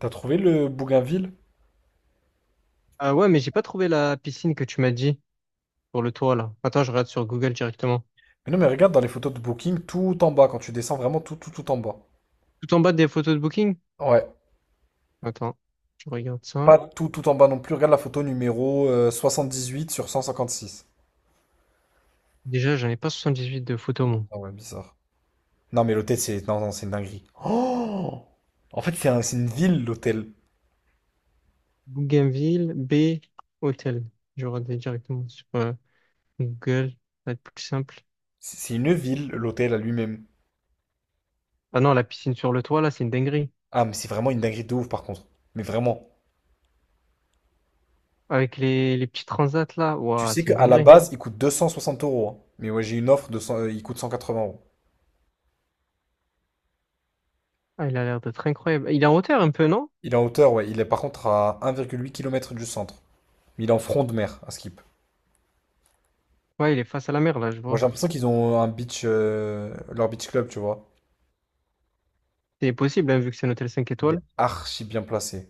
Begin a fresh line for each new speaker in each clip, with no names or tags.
T'as trouvé le Bougainville?
Ah ouais, mais j'ai pas trouvé la piscine que tu m'as dit pour le toit là. Attends, je regarde sur Google directement.
Mais non, mais regarde dans les photos de Booking, tout en bas, quand tu descends vraiment tout, tout, tout en bas.
Tout en bas des photos de Booking?
Ouais,
Attends, je regarde ça.
pas tout, tout en bas non plus. Regarde la photo numéro huit sur 156.
Déjà, j'en ai pas 78 de photos, moi.
Ah ouais, bizarre. Non, mais l'hôtel, c'est non, non, c'est une dinguerie. Oh! En fait, c'est une ville, l'hôtel.
Bougainville, B, hôtel. Je regarde directement sur Google. Ça va être plus simple.
C'est une ville, l'hôtel à lui-même.
Ah non, la piscine sur le toit là, c'est une dinguerie.
Ah, mais c'est vraiment une dinguerie de ouf, par contre. Mais vraiment.
Avec les petits transats là,
Tu
ouah,
sais
c'est une
qu'à la
dinguerie.
base, il coûte 260 euros, hein. Mais ouais, j'ai une offre de 100 euh, il coûte 180 euros.
Ah, il a l'air d'être incroyable. Il est en hauteur un peu, non?
Il est en hauteur, ouais. Il est par contre à 1,8 km du centre. Mais il est en front de mer, à Skip.
Ouais, il est face à la mer là, je
Moi,
vois.
j'ai l'impression qu'ils ont un beach, leur beach club, tu vois.
C'est possible, hein, vu que c'est un hôtel 5
Il est
étoiles.
archi bien placé.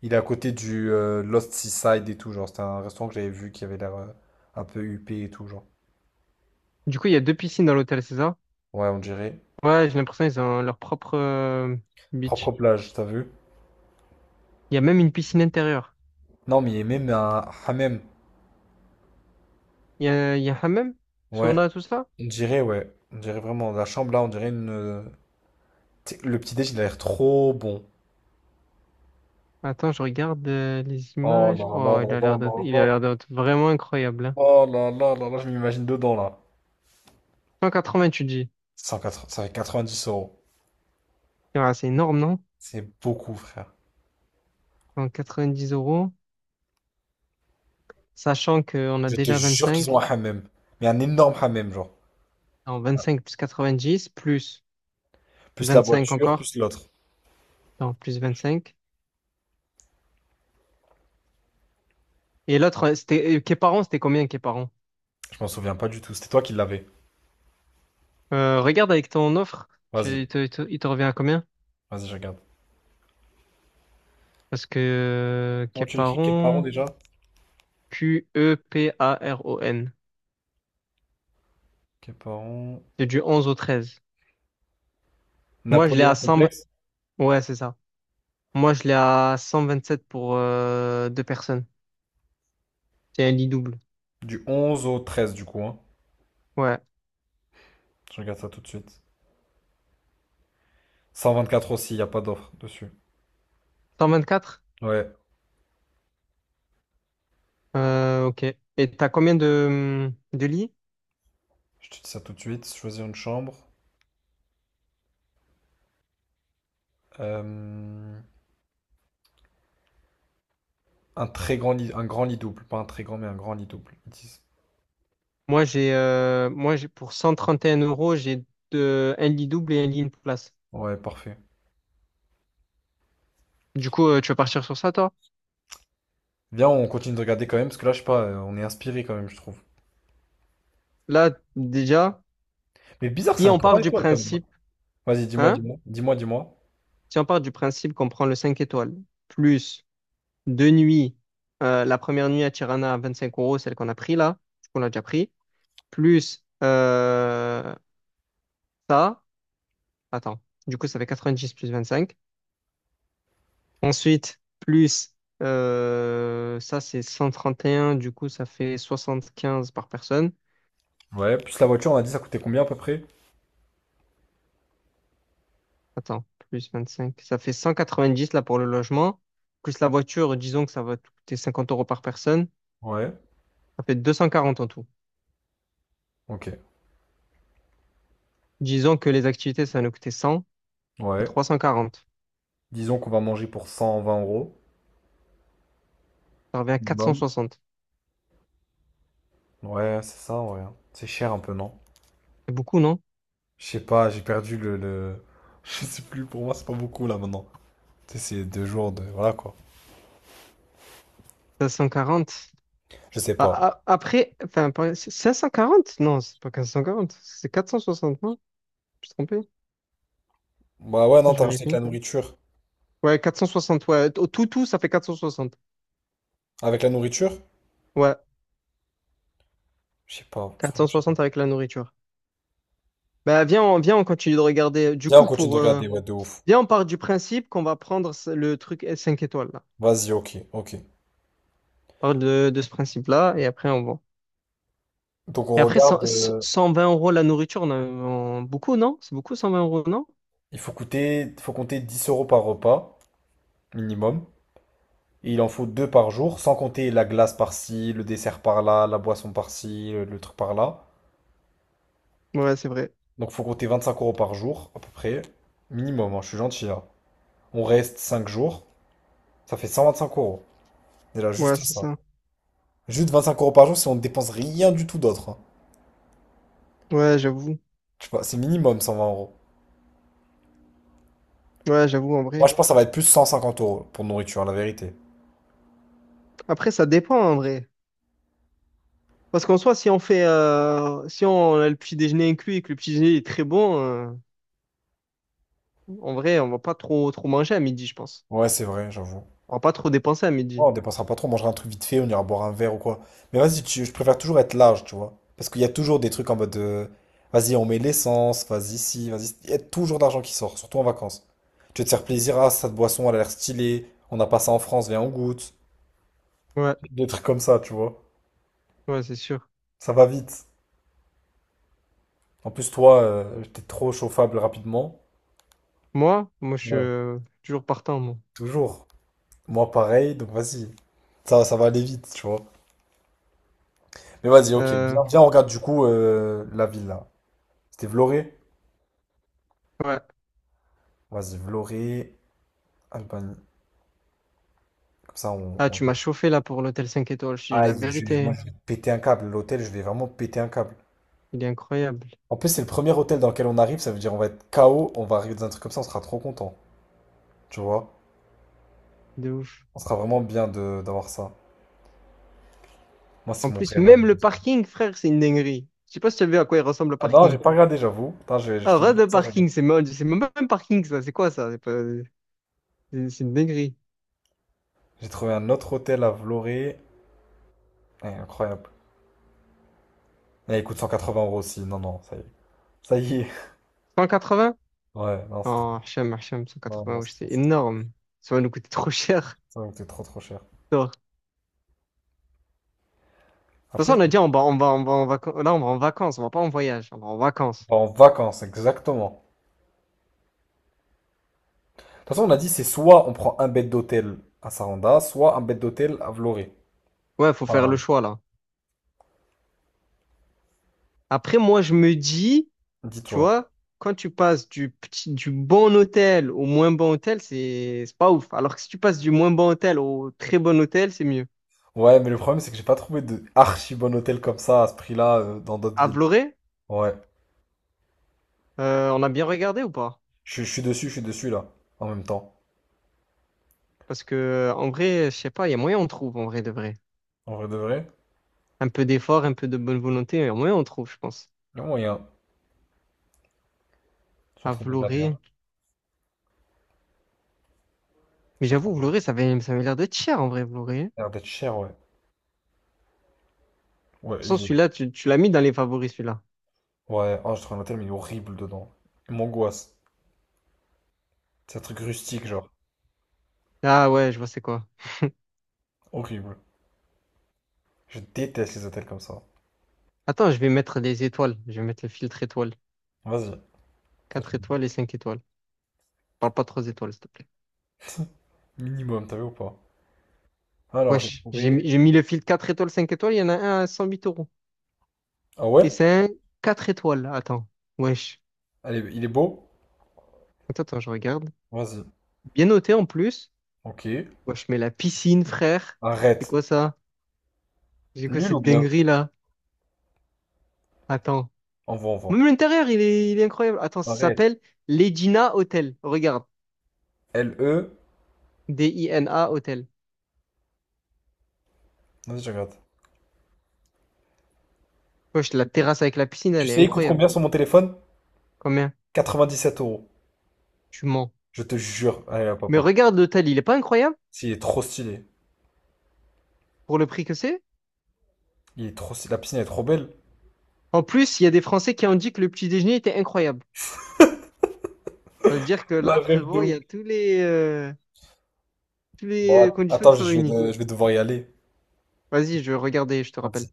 Il est à côté du Lost Seaside et tout, genre. C'était un restaurant que j'avais vu qui avait l'air un peu huppé et tout, genre.
Du coup, il y a deux piscines dans l'hôtel, César.
Ouais, on dirait.
Ouais, j'ai l'impression qu'ils ont leur propre
Propre
beach.
plage, t'as vu?
Il y a même une piscine intérieure.
Non, mais il y a même un hammam.
Il y a hammam,
Ouais,
sauna, tout ça.
ouais. On dirait vraiment. La chambre là, on dirait une, tu sais. Le petit déj, il a l'air trop bon.
Attends, je regarde les
Oh là
images.
là
Oh, il
là
a
là
l'air d'être, il a
là là.
l'air d'être vraiment incroyable, hein.
Oh là là là là, je m'imagine dedans là.
180, tu dis.
180, ça fait 90 euros.
Ouais, c'est énorme, non?
C'est beaucoup, frère.
Donc 90 euros, sachant qu'on a
Je te
déjà
jure qu'ils ont
25.
un hammam. Mais un énorme hammam, genre.
Non, 25 plus 90, plus
Plus la
25
voiture,
encore.
plus l'autre.
Non, plus 25. Et l'autre, c'était, Képaron, c'était combien, Képaron?
Je m'en souviens pas du tout. C'était toi qui l'avais.
Regarde avec ton offre,
Vas-y,
il te revient à combien?
vas-y, je regarde.
Parce que
Comment tu l'écris? Quel parent
Keparon,
déjà?
Q-E-P-A-R-O-N.
Quel parent?
C'est du onze au treize. Moi, je l'ai
Napoléon
à 100.
complexe?
Ouais, c'est ça. Moi, je l'ai à 127 pour deux personnes. C'est un lit double.
Du 11 au 13 du coup, hein.
Ouais.
Je regarde ça tout de suite. 124 aussi, il n'y a pas d'offre dessus.
124?
Ouais,
Ok. Et t'as combien de lits?
je te dis ça tout de suite. Choisir une chambre. Euh, Un très grand lit, un grand lit double. Pas un très grand, mais un grand lit double. Ils disent.
Moi, j'ai pour cent trente et un euros, j'ai un lit double et un lit une place.
Ouais, parfait.
Du coup, tu vas partir sur ça, toi?
Viens, on continue de regarder quand même, parce que là, je sais pas, on est inspiré quand même, je trouve.
Là, déjà,
Mais bizarre, c'est
si
un
on
3
part du
étoiles quand même.
principe,
Vas-y, dis-moi,
hein?
dis-moi, dis-moi, dis-moi.
Si on part du principe qu'on prend le 5 étoiles, plus 2 nuits, la première nuit à Tirana à 25 euros, celle qu'on a pris là, qu'on a déjà pris, plus ça, attends, du coup ça fait 90 plus 25. Ensuite, plus ça c'est 131. Du coup ça fait 75 par personne.
Ouais, plus la voiture, on a dit ça coûtait combien à peu près?
Attends, plus 25, ça fait 190 là pour le logement, plus la voiture, disons que ça va te coûter 50 € par personne,
Ouais,
ça fait 240 en tout.
ok.
Disons que les activités ça va nous coûter 100, c'est
Ouais.
340.
Disons qu'on va manger pour 120 euros.
Ça revient à quatre cent
Minimum.
soixante.
Ouais, c'est ça, ouais, hein. C'est cher un peu, non?
C'est beaucoup, non?
Je sais pas, j'ai perdu le- Je sais plus, pour moi, c'est pas beaucoup là maintenant. Tu sais, c'est deux jours de. Voilà quoi.
540.
Je sais
Ah,
pas.
ah, après, enfin, c'est 540. Non, c'est pas 540, c'est 460, non? Je me suis trompé.
Bah ouais,
Attends,
non,
je
t'as rajouté avec
vérifie.
la nourriture.
Ouais, 460, ouais. Au Tout, tout, ça fait 460.
Avec la nourriture?
Ouais,
Je sais pas,
quatre
franchement,
cent
je sais pas.
soixante avec la nourriture. Bah, viens, on continue de regarder. Du
Viens, on
coup,
continue de
pour,
regarder, ouais, de ouf.
viens, on part du principe qu'on va prendre le truc 5 étoiles, là.
Vas-y, ok, ok.
On part de ce principe-là, et après, on voit.
Donc on
Et après, cent
regarde,
cent vingt euros la nourriture, beaucoup, non? C'est beaucoup, 120 euros, non?
il faut compter 10 euros par repas minimum. Il en faut deux par jour, sans compter la glace par-ci, le dessert par-là, la boisson par-ci, le truc par-là.
Ouais, c'est vrai.
Donc faut compter 25 euros par jour, à peu près. Minimum, hein, je suis gentil là. On reste 5 jours, ça fait 125 euros. C'est là
Ouais,
juste
c'est
ça.
ça.
Juste 25 euros par jour si on ne dépense rien du tout d'autre, hein.
Ouais, j'avoue.
Je sais pas, c'est minimum 120 euros.
Ouais, j'avoue, en
Moi
vrai.
je pense que ça va être plus 150 euros pour nourriture, la vérité.
Après, ça dépend, en vrai. Parce qu'en soi, si on a le petit déjeuner inclus et que le petit déjeuner est très bon, en vrai, on va pas trop, trop manger à midi, je pense.
Ouais, c'est vrai, j'avoue.
On va pas trop dépenser à
Ouais,
midi.
on dépensera pas trop, on mangera un truc vite fait, on ira boire un verre ou quoi. Mais je préfère toujours être large, tu vois. Parce qu'il y a toujours des trucs en mode vas-y, on met l'essence, vas-y, si, vas-y, si. Il y a toujours d'argent qui sort, surtout en vacances. Tu veux te faire plaisir, ah, cette boisson, elle a l'air stylée, on n'a pas ça en France, viens, on goûte.
Ouais,
Des trucs comme ça, tu vois.
ouais, c'est sûr.
Ça va vite. En plus, toi, t'es trop chauffable rapidement.
Moi, moi, je suis
Ouais,
toujours partant, moi.
toujours. Moi, pareil, donc vas-y. Ça va aller vite, tu vois. Mais vas-y, ok,
Euh,
viens, viens, on regarde du coup la ville là. C'était Vloré?
ouais.
Vas-y, Vloré, Alban. Comme ça,
Ah,
on-
tu m'as chauffé là pour l'hôtel 5 étoiles, je te dis la
Aïe, moi,
vérité.
je vais péter un câble. L'hôtel, je vais vraiment péter un câble.
Il est incroyable.
En plus, c'est le premier hôtel dans lequel on arrive. Ça veut dire on va être KO. On va arriver dans un truc comme ça. On sera trop content. Tu vois?
De ouf.
On sera vraiment bien de d'avoir ça. Moi,
En
c'est mon
plus,
frère.
même le parking, frère, c'est une dinguerie. Je sais pas si tu as vu à quoi il ressemble le
Ah non, j'ai
parking.
pas regardé, j'avoue. Attends, je
Ah, rade
finis
de
ça, je regarde.
parking, c'est même pas un parking, ça. C'est quoi ça? C'est une dinguerie.
J'ai trouvé un autre hôtel à Vloré. Eh, incroyable. Eh, il coûte 180 euros aussi. Non, non, ça y est. Ça y est.
180?
Ouais, non, c'est trop.
Oh, Hacham, Hacham,
Non,
180,
non,
wesh,
c'est trop,
c'est
c'est
énorme. Ça va nous coûter trop cher.
trop, c'est trop cher.
Non. De toute
Après,
façon, on
si
a
on
dit, on va, on va, on va en vacances. Là, on va en vacances, on va pas en voyage, on va en vacances.
part en vacances, exactement. Toute façon, on a dit c'est soit on prend un bed d'hôtel à Saranda, soit un bed d'hôtel à Vloré.
Ouais, faut faire
Enfin,
le choix, là. Après, moi, je me dis, tu
dis-toi.
vois, quand tu passes du bon hôtel au moins bon hôtel, c'est pas ouf. Alors que si tu passes du moins bon hôtel au très bon hôtel, c'est mieux.
Ouais, mais le problème, c'est que j'ai pas trouvé de archi bon hôtel comme ça à ce prix-là dans d'autres
À
villes.
Vloré,
Ouais.
on a bien regardé ou pas?
Je suis dessus là, en même temps.
Parce que, en vrai, je sais pas, il y a moyen on trouve, en vrai de vrai.
En vrai de vrai,
Un peu d'effort, un peu de bonne volonté, et au moins on trouve, je pense.
le moyen. Je suis en
À
train de regarder, hein.
Vloré.
Je
Mais
suis en train
j'avoue,
de
Vloré, ça avait l'air d'être cher en vrai, Vloré. De
regarder d'être cher, ouais. Ouais,
toute façon,
il est.
celui-là, tu l'as mis dans les favoris, celui-là.
Ouais, oh, j'ai trouvé un hôtel, mais il est horrible dedans. Il m'angoisse. C'est un truc rustique,
Je-
genre.
Ah ouais, je vois c'est quoi.
Horrible. Je déteste les hôtels comme ça.
Attends, je vais mettre des étoiles. Je vais mettre le filtre étoile.
Vas-y. Ça, tu
4
me
étoiles et 5 étoiles. Parle pas 3 étoiles, s'il te plaît.
dis. Minimum, t'as vu ou pas? Alors, j'ai
Wesh, j'ai
trouvé.
mis, j'ai mis le filtre 4 étoiles, 5 étoiles, il y en a un à 108 euros.
Ah
Et
ouais?
c'est un 4 étoiles, là, attends. Wesh.
Allez, il est beau?
Attends, attends, je regarde.
Vas-y.
Bien noté en plus.
Ok.
Wesh, mais la piscine, frère. C'est
Arrête.
quoi ça? J'ai quoi
Nul ou
cette
bien?
dinguerie là? Attends.
Envoie,
Même
envoie.
l'intérieur, il est incroyable. Attends, ça
Arrête.
s'appelle l'Edina Hotel. Regarde.
L E.
Dina Hotel.
Vas-y, je regarde.
Wesh, la terrasse avec la piscine,
Tu
elle est
sais, il coûte
incroyable.
combien sur mon téléphone?
Combien?
97 euros.
Tu mens.
Je te jure. Allez, hop, hop,
Mais
hop.
regarde l'hôtel, il est pas incroyable
Si, il est trop stylé.
pour le prix que c'est?
Il est trop stylé. La piscine elle est trop belle.
En plus, il y a des Français qui ont dit que le petit déjeuner était incroyable. Ça veut dire que
La
là,
rêve de
frérot, il y
ouf.
a tous
Bon,
les conditions qui
attends,
sont réunies.
je vais devoir y aller.
Vas-y, je vais regarder, je te rappelle.
Vas-y.